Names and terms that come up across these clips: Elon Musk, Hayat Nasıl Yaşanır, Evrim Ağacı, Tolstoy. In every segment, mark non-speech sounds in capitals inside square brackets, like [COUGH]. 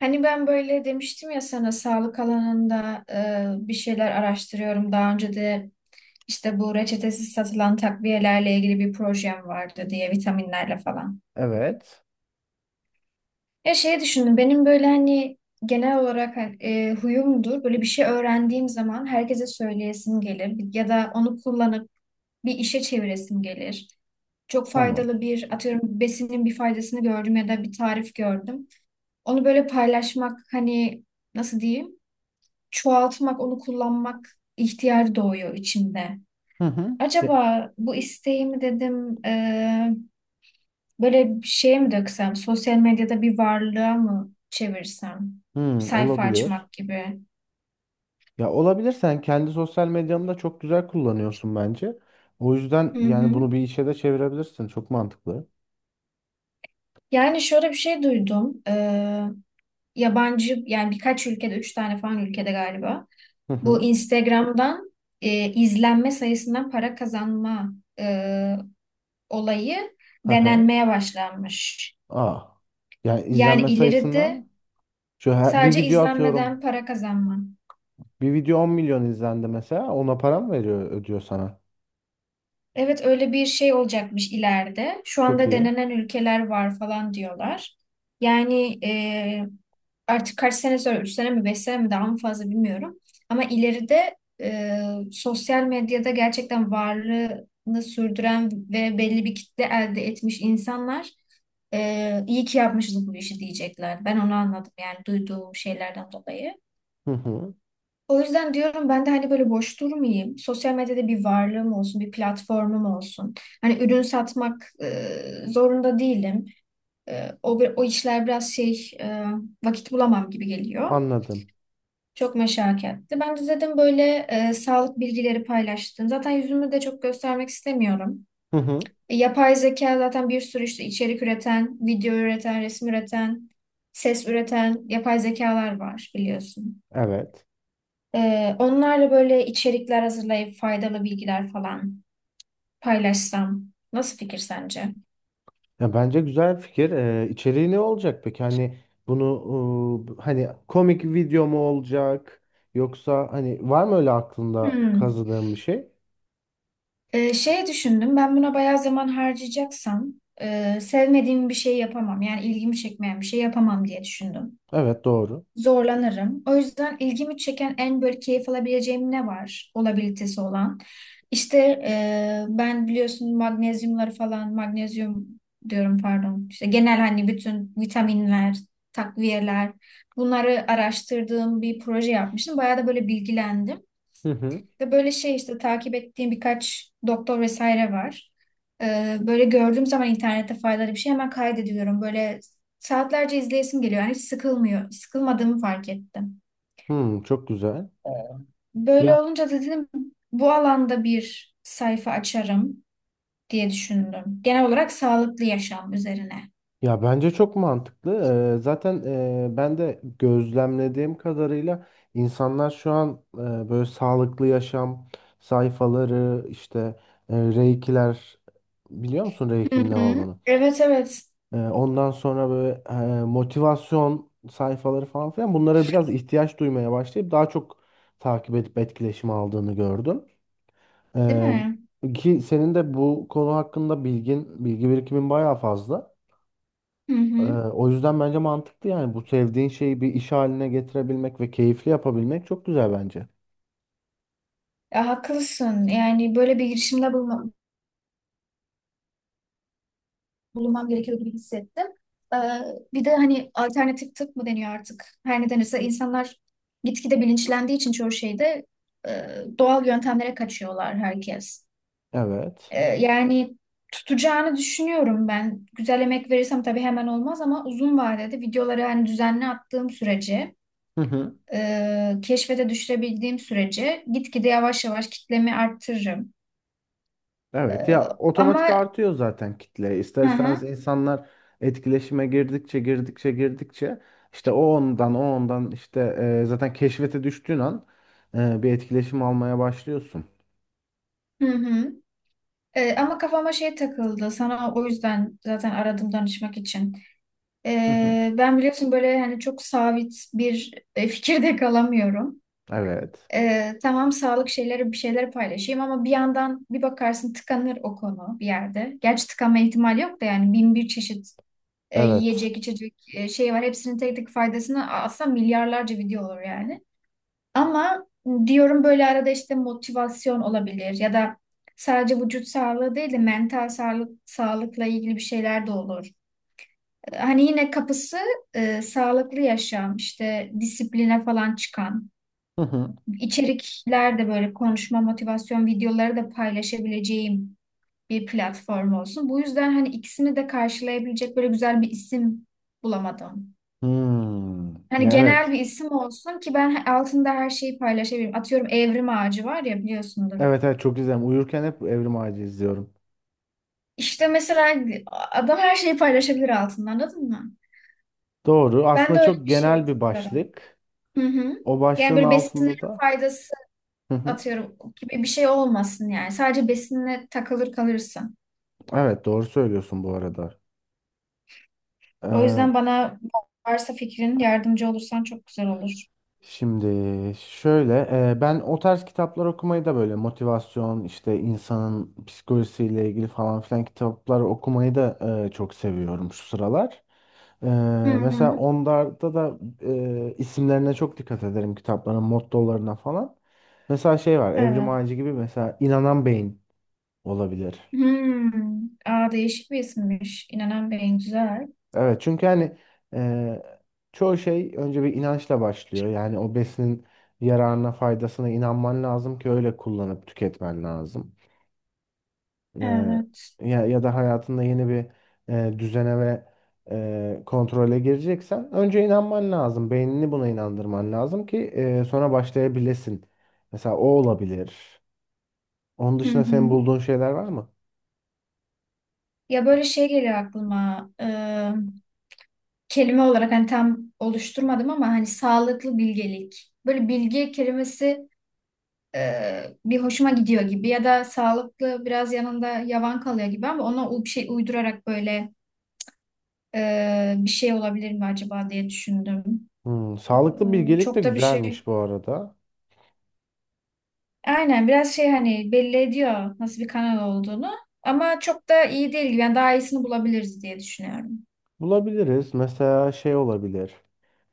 Hani ben böyle demiştim ya sana sağlık alanında bir şeyler araştırıyorum. Daha önce de işte bu reçetesiz satılan takviyelerle ilgili bir projem vardı diye vitaminlerle falan. Evet. Ya şey düşündüm benim böyle hani genel olarak hani, huyumdur. Böyle bir şey öğrendiğim zaman herkese söyleyesim gelir ya da onu kullanıp bir işe çeviresim gelir. Çok Tamam. faydalı bir atıyorum besinin bir faydasını gördüm ya da bir tarif gördüm. Onu böyle paylaşmak hani nasıl diyeyim? Çoğaltmak, onu kullanmak ihtiyacı doğuyor içimde. Hı hı. De- Acaba bu isteğimi dedim böyle bir şeye mi döksem, sosyal medyada bir varlığa mı çevirsem, Hmm, sayfa olabilir. açmak gibi. Ya olabilir. Sen kendi sosyal medyanı da çok güzel kullanıyorsun bence. O yüzden Hı yani hı. bunu bir işe de çevirebilirsin. Çok mantıklı. Yani şöyle bir şey duydum. Yabancı yani birkaç ülkede, üç tane falan ülkede galiba. Hı Bu hı. Instagram'dan izlenme sayısından para kazanma e, olayı Hı hı. denenmeye başlanmış. Aa. Yani Yani izlenme ileride sayısından bir sadece video atıyorum. izlenmeden para kazanma. Bir video 10 milyon izlendi mesela. Ona para mı veriyor ödüyor sana? Evet öyle bir şey olacakmış ileride. Şu Çok anda iyi. denenen ülkeler var falan diyorlar. Yani artık kaç sene sonra, 3 sene mi 5 sene mi daha mı fazla bilmiyorum. Ama ileride e, sosyal medyada gerçekten varlığını sürdüren ve belli bir kitle elde etmiş insanlar iyi ki yapmışız bu işi diyecekler. Ben onu anladım yani duyduğum şeylerden dolayı. Hı hı. O yüzden diyorum ben de hani böyle boş durmayayım. Sosyal medyada bir varlığım olsun, bir platformum olsun. Hani ürün satmak zorunda değilim. O işler biraz vakit bulamam gibi geliyor. Anladım. Çok meşakkatli. Ben de dedim böyle sağlık bilgileri paylaştım. Zaten yüzümü de çok göstermek istemiyorum. Hı hı. Yapay zeka zaten bir sürü işte içerik üreten, video üreten, resim üreten, ses üreten yapay zekalar var biliyorsun. Evet. Onlarla böyle içerikler hazırlayıp faydalı bilgiler falan paylaşsam. Nasıl fikir sence? Ya bence güzel fikir. İçeriği ne olacak peki? Hani bunu hani komik video mu olacak? Yoksa hani var mı öyle aklında Hmm. kazıdığın bir şey? Şey düşündüm ben buna bayağı zaman harcayacaksam sevmediğim bir şey yapamam. Yani ilgimi çekmeyen bir şey yapamam diye düşündüm. Evet doğru. Zorlanırım. O yüzden ilgimi çeken en böyle keyif alabileceğim ne var? Olabilitesi olan. İşte ben biliyorsun magnezyumları falan, magnezyum diyorum pardon. İşte genel hani bütün vitaminler, takviyeler bunları araştırdığım bir proje yapmıştım. Bayağı da böyle bilgilendim Hı hı. de böyle şey işte takip ettiğim birkaç doktor vesaire var. Böyle gördüğüm zaman internette faydalı bir şey hemen kaydediyorum. Böyle saatlerce izleyesim geliyor. Yani hiç sıkılmıyor. Sıkılmadığımı fark ettim. Hmm, çok güzel. Böyle Ya olunca da dedim bu alanda bir sayfa açarım diye düşündüm. Genel olarak sağlıklı yaşam üzerine. ya bence çok mantıklı. Zaten ben de gözlemlediğim kadarıyla insanlar şu an böyle sağlıklı yaşam sayfaları işte reikiler, biliyor musun Hı reikin ne hı. olduğunu? Evet, evet. Ondan sonra böyle motivasyon sayfaları falan filan bunlara biraz ihtiyaç duymaya başlayıp daha çok takip edip etkileşim aldığını gördüm. Değil Ee, mi? Ki senin de bu konu hakkında bilgin, bilgi birikimin bayağı fazla. Hı hı. O yüzden bence mantıklı, yani bu sevdiğin şeyi bir iş haline getirebilmek ve keyifli yapabilmek çok güzel bence. Ya, haklısın. Yani böyle bir bulunmam gerekiyor gibi hissettim. Ee, Bir de hani alternatif tıp mı deniyor artık? Her ne denirse insanlar gitgide bilinçlendiği için çoğu şeyde e, doğal yöntemlere kaçıyorlar herkes. Evet. Yani tutacağını düşünüyorum ben. Güzel emek verirsem tabii hemen olmaz ama uzun vadede videoları hani düzenli attığım sürece [LAUGHS] keşfete düşürebildiğim sürece gitgide yavaş yavaş kitlemi arttırırım. E, Evet ya, otomatik ama artıyor zaten kitle. İster hı istemez hı, insanlar etkileşime girdikçe işte o ondan işte zaten keşfete düştüğün an bir etkileşim almaya başlıyorsun. hı hı. Ama kafama şey takıldı. Sana o yüzden zaten aradım danışmak için. Hı hı. Ben biliyorsun böyle hani çok sabit bir fikirde [LAUGHS] kalamıyorum. Evet. Tamam sağlık şeyleri bir şeyler paylaşayım ama bir yandan bir bakarsın tıkanır o konu bir yerde. Gerçi tıkanma ihtimali yok da yani bin bir çeşit Evet. yiyecek içecek şey var. Hepsinin tek tek faydasını aslında milyarlarca video olur yani. Ama diyorum böyle arada işte motivasyon olabilir ya da sadece vücut sağlığı değil de mental sağlıkla ilgili bir şeyler de olur. Hani yine kapısı sağlıklı yaşam, işte disipline falan çıkan Hı hı. içerikler de böyle konuşma motivasyon videoları da paylaşabileceğim bir platform olsun. Bu yüzden hani ikisini de karşılayabilecek böyle güzel bir isim bulamadım. Hmm. Hani Ya genel evet. bir isim olsun ki ben altında her şeyi paylaşabileyim. Atıyorum Evrim Ağacı var ya biliyorsundur. Evet evet, çok izlerim. Uyurken hep Evrim Ağacı izliyorum. İşte mesela adam her şeyi paylaşabilir altında anladın mı? Doğru. Ben Aslında de öyle çok bir şey genel bir istiyorum. başlık. Hı hı. O Yani başlığın böyle besinlerin altında da. faydası Hı hı. atıyorum gibi bir şey olmasın yani. Sadece besinle takılır kalırsın. Evet doğru söylüyorsun bu arada. O E, yüzden bana varsa fikrin yardımcı olursan çok güzel olur. Şimdi şöyle, ben o tarz kitaplar okumayı da, böyle motivasyon işte insanın psikolojisiyle ilgili falan filan kitaplar okumayı da çok seviyorum şu sıralar. E, Hı Mesela hı. onlarda da isimlerine çok dikkat ederim, kitapların mottolarına falan. Mesela şey var, Evrim Evet. Ağacı gibi, mesela inanan beyin olabilir. Hmm. Aa, değişik bir isimmiş. İnanan Bey'in güzel. Evet çünkü hani e, çoğu şey önce bir inançla başlıyor. Yani o besinin yararına, faydasına inanman lazım ki öyle kullanıp tüketmen lazım. E, Evet. Ya, ya da hayatında yeni bir düzene ve kontrole gireceksen önce inanman lazım. Beynini buna inandırman lazım ki sonra başlayabilesin. Mesela o olabilir. Onun Hı dışında senin hı. bulduğun şeyler var mı? Ya böyle şey geliyor aklıma. Kelime olarak hani tam oluşturmadım ama hani sağlıklı bilgelik. Böyle bilge kelimesi bir hoşuma gidiyor gibi ya da sağlıklı biraz yanında yavan kalıyor gibi ama ona bir şey uydurarak böyle bir şey olabilir mi acaba diye düşündüm. Hmm, sağlıklı bilgelik de Çok da bir şey. güzelmiş bu arada. Aynen biraz şey hani belli ediyor nasıl bir kanal olduğunu ama çok da iyi değil gibi. Yani daha iyisini bulabiliriz diye düşünüyorum. Bulabiliriz. Mesela şey olabilir.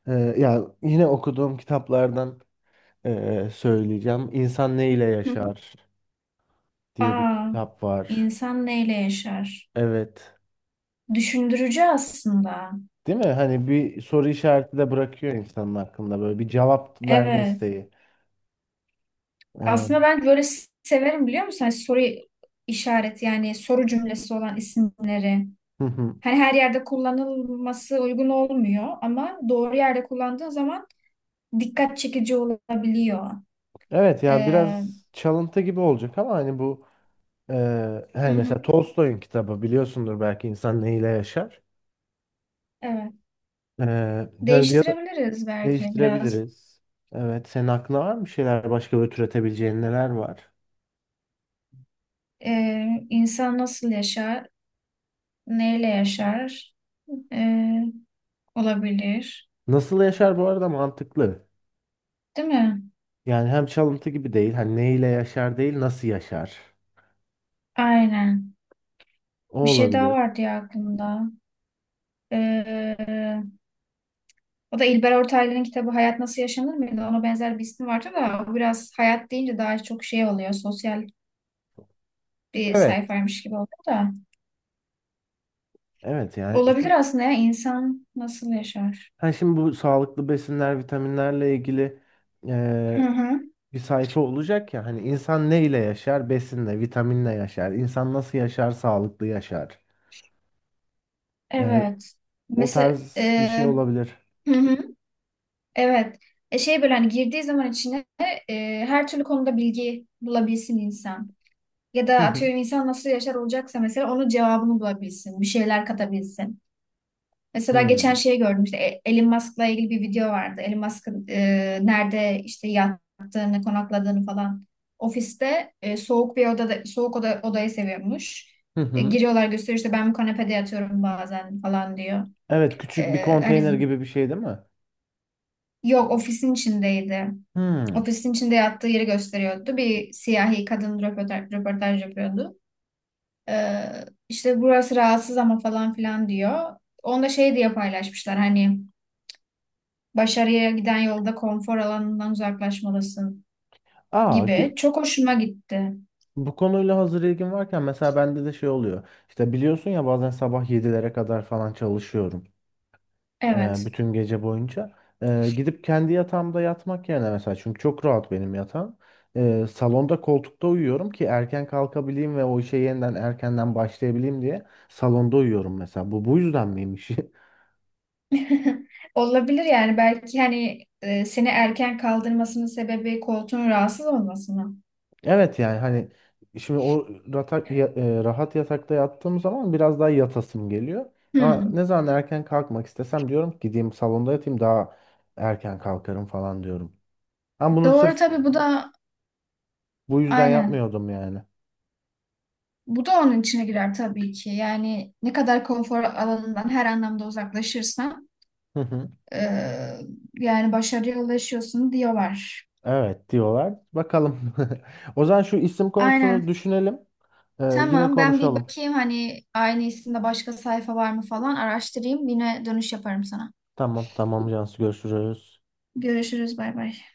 Ee, Ya yine okuduğum kitaplardan söyleyeceğim. İnsan Ne ile Hı hı. Yaşar diye bir Aa, kitap var. insan neyle yaşar? Evet. Düşündürücü aslında. Değil mi? Hani bir soru işareti de bırakıyor, insanın hakkında böyle bir cevap verme Evet. isteği. Ee, Aslında ben böyle severim biliyor musun? Hani soru işareti yani soru cümlesi olan isimleri. hı hı. Hani her yerde kullanılması uygun olmuyor ama doğru yerde kullandığın zaman dikkat çekici olabiliyor. Evet yani biraz Ee, çalıntı gibi olacak ama hani bu Hı hani hı. mesela Tolstoy'un kitabı, biliyorsundur belki, İnsan Ne ile Yaşar. Evet. Hani ya da Değiştirebiliriz belki biraz. değiştirebiliriz. Evet, senin aklına var mı şeyler, başka böyle türetebileceğin neler var? İnsan nasıl yaşar, neyle yaşar Ee, olabilir. Nasıl yaşar, bu arada mantıklı. Değil mi? Yani hem çalıntı gibi değil. Hani neyle yaşar değil, nasıl yaşar. Aynen. O Bir şey daha olabilir. vardı ya aklımda. Ee, O da İlber Ortaylı'nın kitabı Hayat Nasıl Yaşanır mıydı? Ona benzer bir ismi vardı da o biraz hayat deyince daha çok şey oluyor. Sosyal bir Evet. sayfaymış gibi oluyor da. Evet yani Olabilir şu aslında ya insan nasıl yaşar? Ha şimdi bu sağlıklı besinler, vitaminlerle ilgili Hı eee, hı. bir sayfa olacak ya. Hani insan neyle yaşar? Besinle, vitaminle yaşar. İnsan nasıl yaşar? Sağlıklı yaşar. Eee, Evet. O Mesela tarz bir şey olabilir. hı hı. Evet. Şey böyle hani girdiği zaman içine her türlü konuda bilgi bulabilsin insan. Ya Hı da hı. atıyorum insan nasıl yaşar olacaksa mesela onun cevabını bulabilsin. Bir şeyler katabilsin. Mesela geçen Hmm. şeyi gördüm işte Elon Musk'la ilgili bir video vardı. Elon Musk'ın nerede işte yattığını, konakladığını falan. Ofiste soğuk bir odada soğuk oda, odayı seviyormuş. Hı hı. Giriyorlar gösteriyor işte ben bu kanepede yatıyorum bazen falan diyor. Evet, küçük bir Hani konteyner gibi bir şey değil mi? yok ofisin içindeydi. Hmm. Ofisin içinde yattığı yeri gösteriyordu. Bir siyahi kadın röportaj yapıyordu. E, işte burası rahatsız ama falan filan diyor. Onda şey diye paylaşmışlar hani başarıya giden yolda konfor alanından uzaklaşmalısın Aa, ge- gibi. Çok hoşuma gitti. Bu konuyla hazır ilgin varken, mesela bende de şey oluyor. İşte biliyorsun ya, bazen sabah yedilere kadar falan çalışıyorum. Evet. Bütün gece boyunca. Gidip kendi yatağımda yatmak yerine, mesela çünkü çok rahat benim yatağım, salonda koltukta uyuyorum ki erken kalkabileyim ve o işe yeniden erkenden başlayabileyim diye salonda uyuyorum mesela. Bu yüzden miymiş? [LAUGHS] [LAUGHS] Olabilir yani belki hani seni erken kaldırmasının sebebi koltuğun rahatsız olması mı? Evet yani hani şimdi o ratak, ya- e, rahat yatakta yattığım zaman biraz daha yatasım geliyor. Ama ne Hmm. zaman erken kalkmak istesem diyorum ki gideyim salonda yatayım, daha erken kalkarım falan diyorum. Ama bunu Doğru sırf tabii bu da bu yüzden aynen. yapmıyordum yani. Bu da onun içine girer tabii ki. Yani ne kadar konfor alanından her anlamda uzaklaşırsan Hı hı. e, yani başarıya ulaşıyorsun diyorlar. Evet diyorlar. Bakalım. [LAUGHS] O zaman şu isim konusunu Aynen. düşünelim. Yine Tamam, ben bir konuşalım. bakayım hani aynı isimde başka sayfa var mı falan araştırayım. Yine dönüş yaparım sana. Tamam tamam Cansu, görüşürüz. Görüşürüz, bay bay.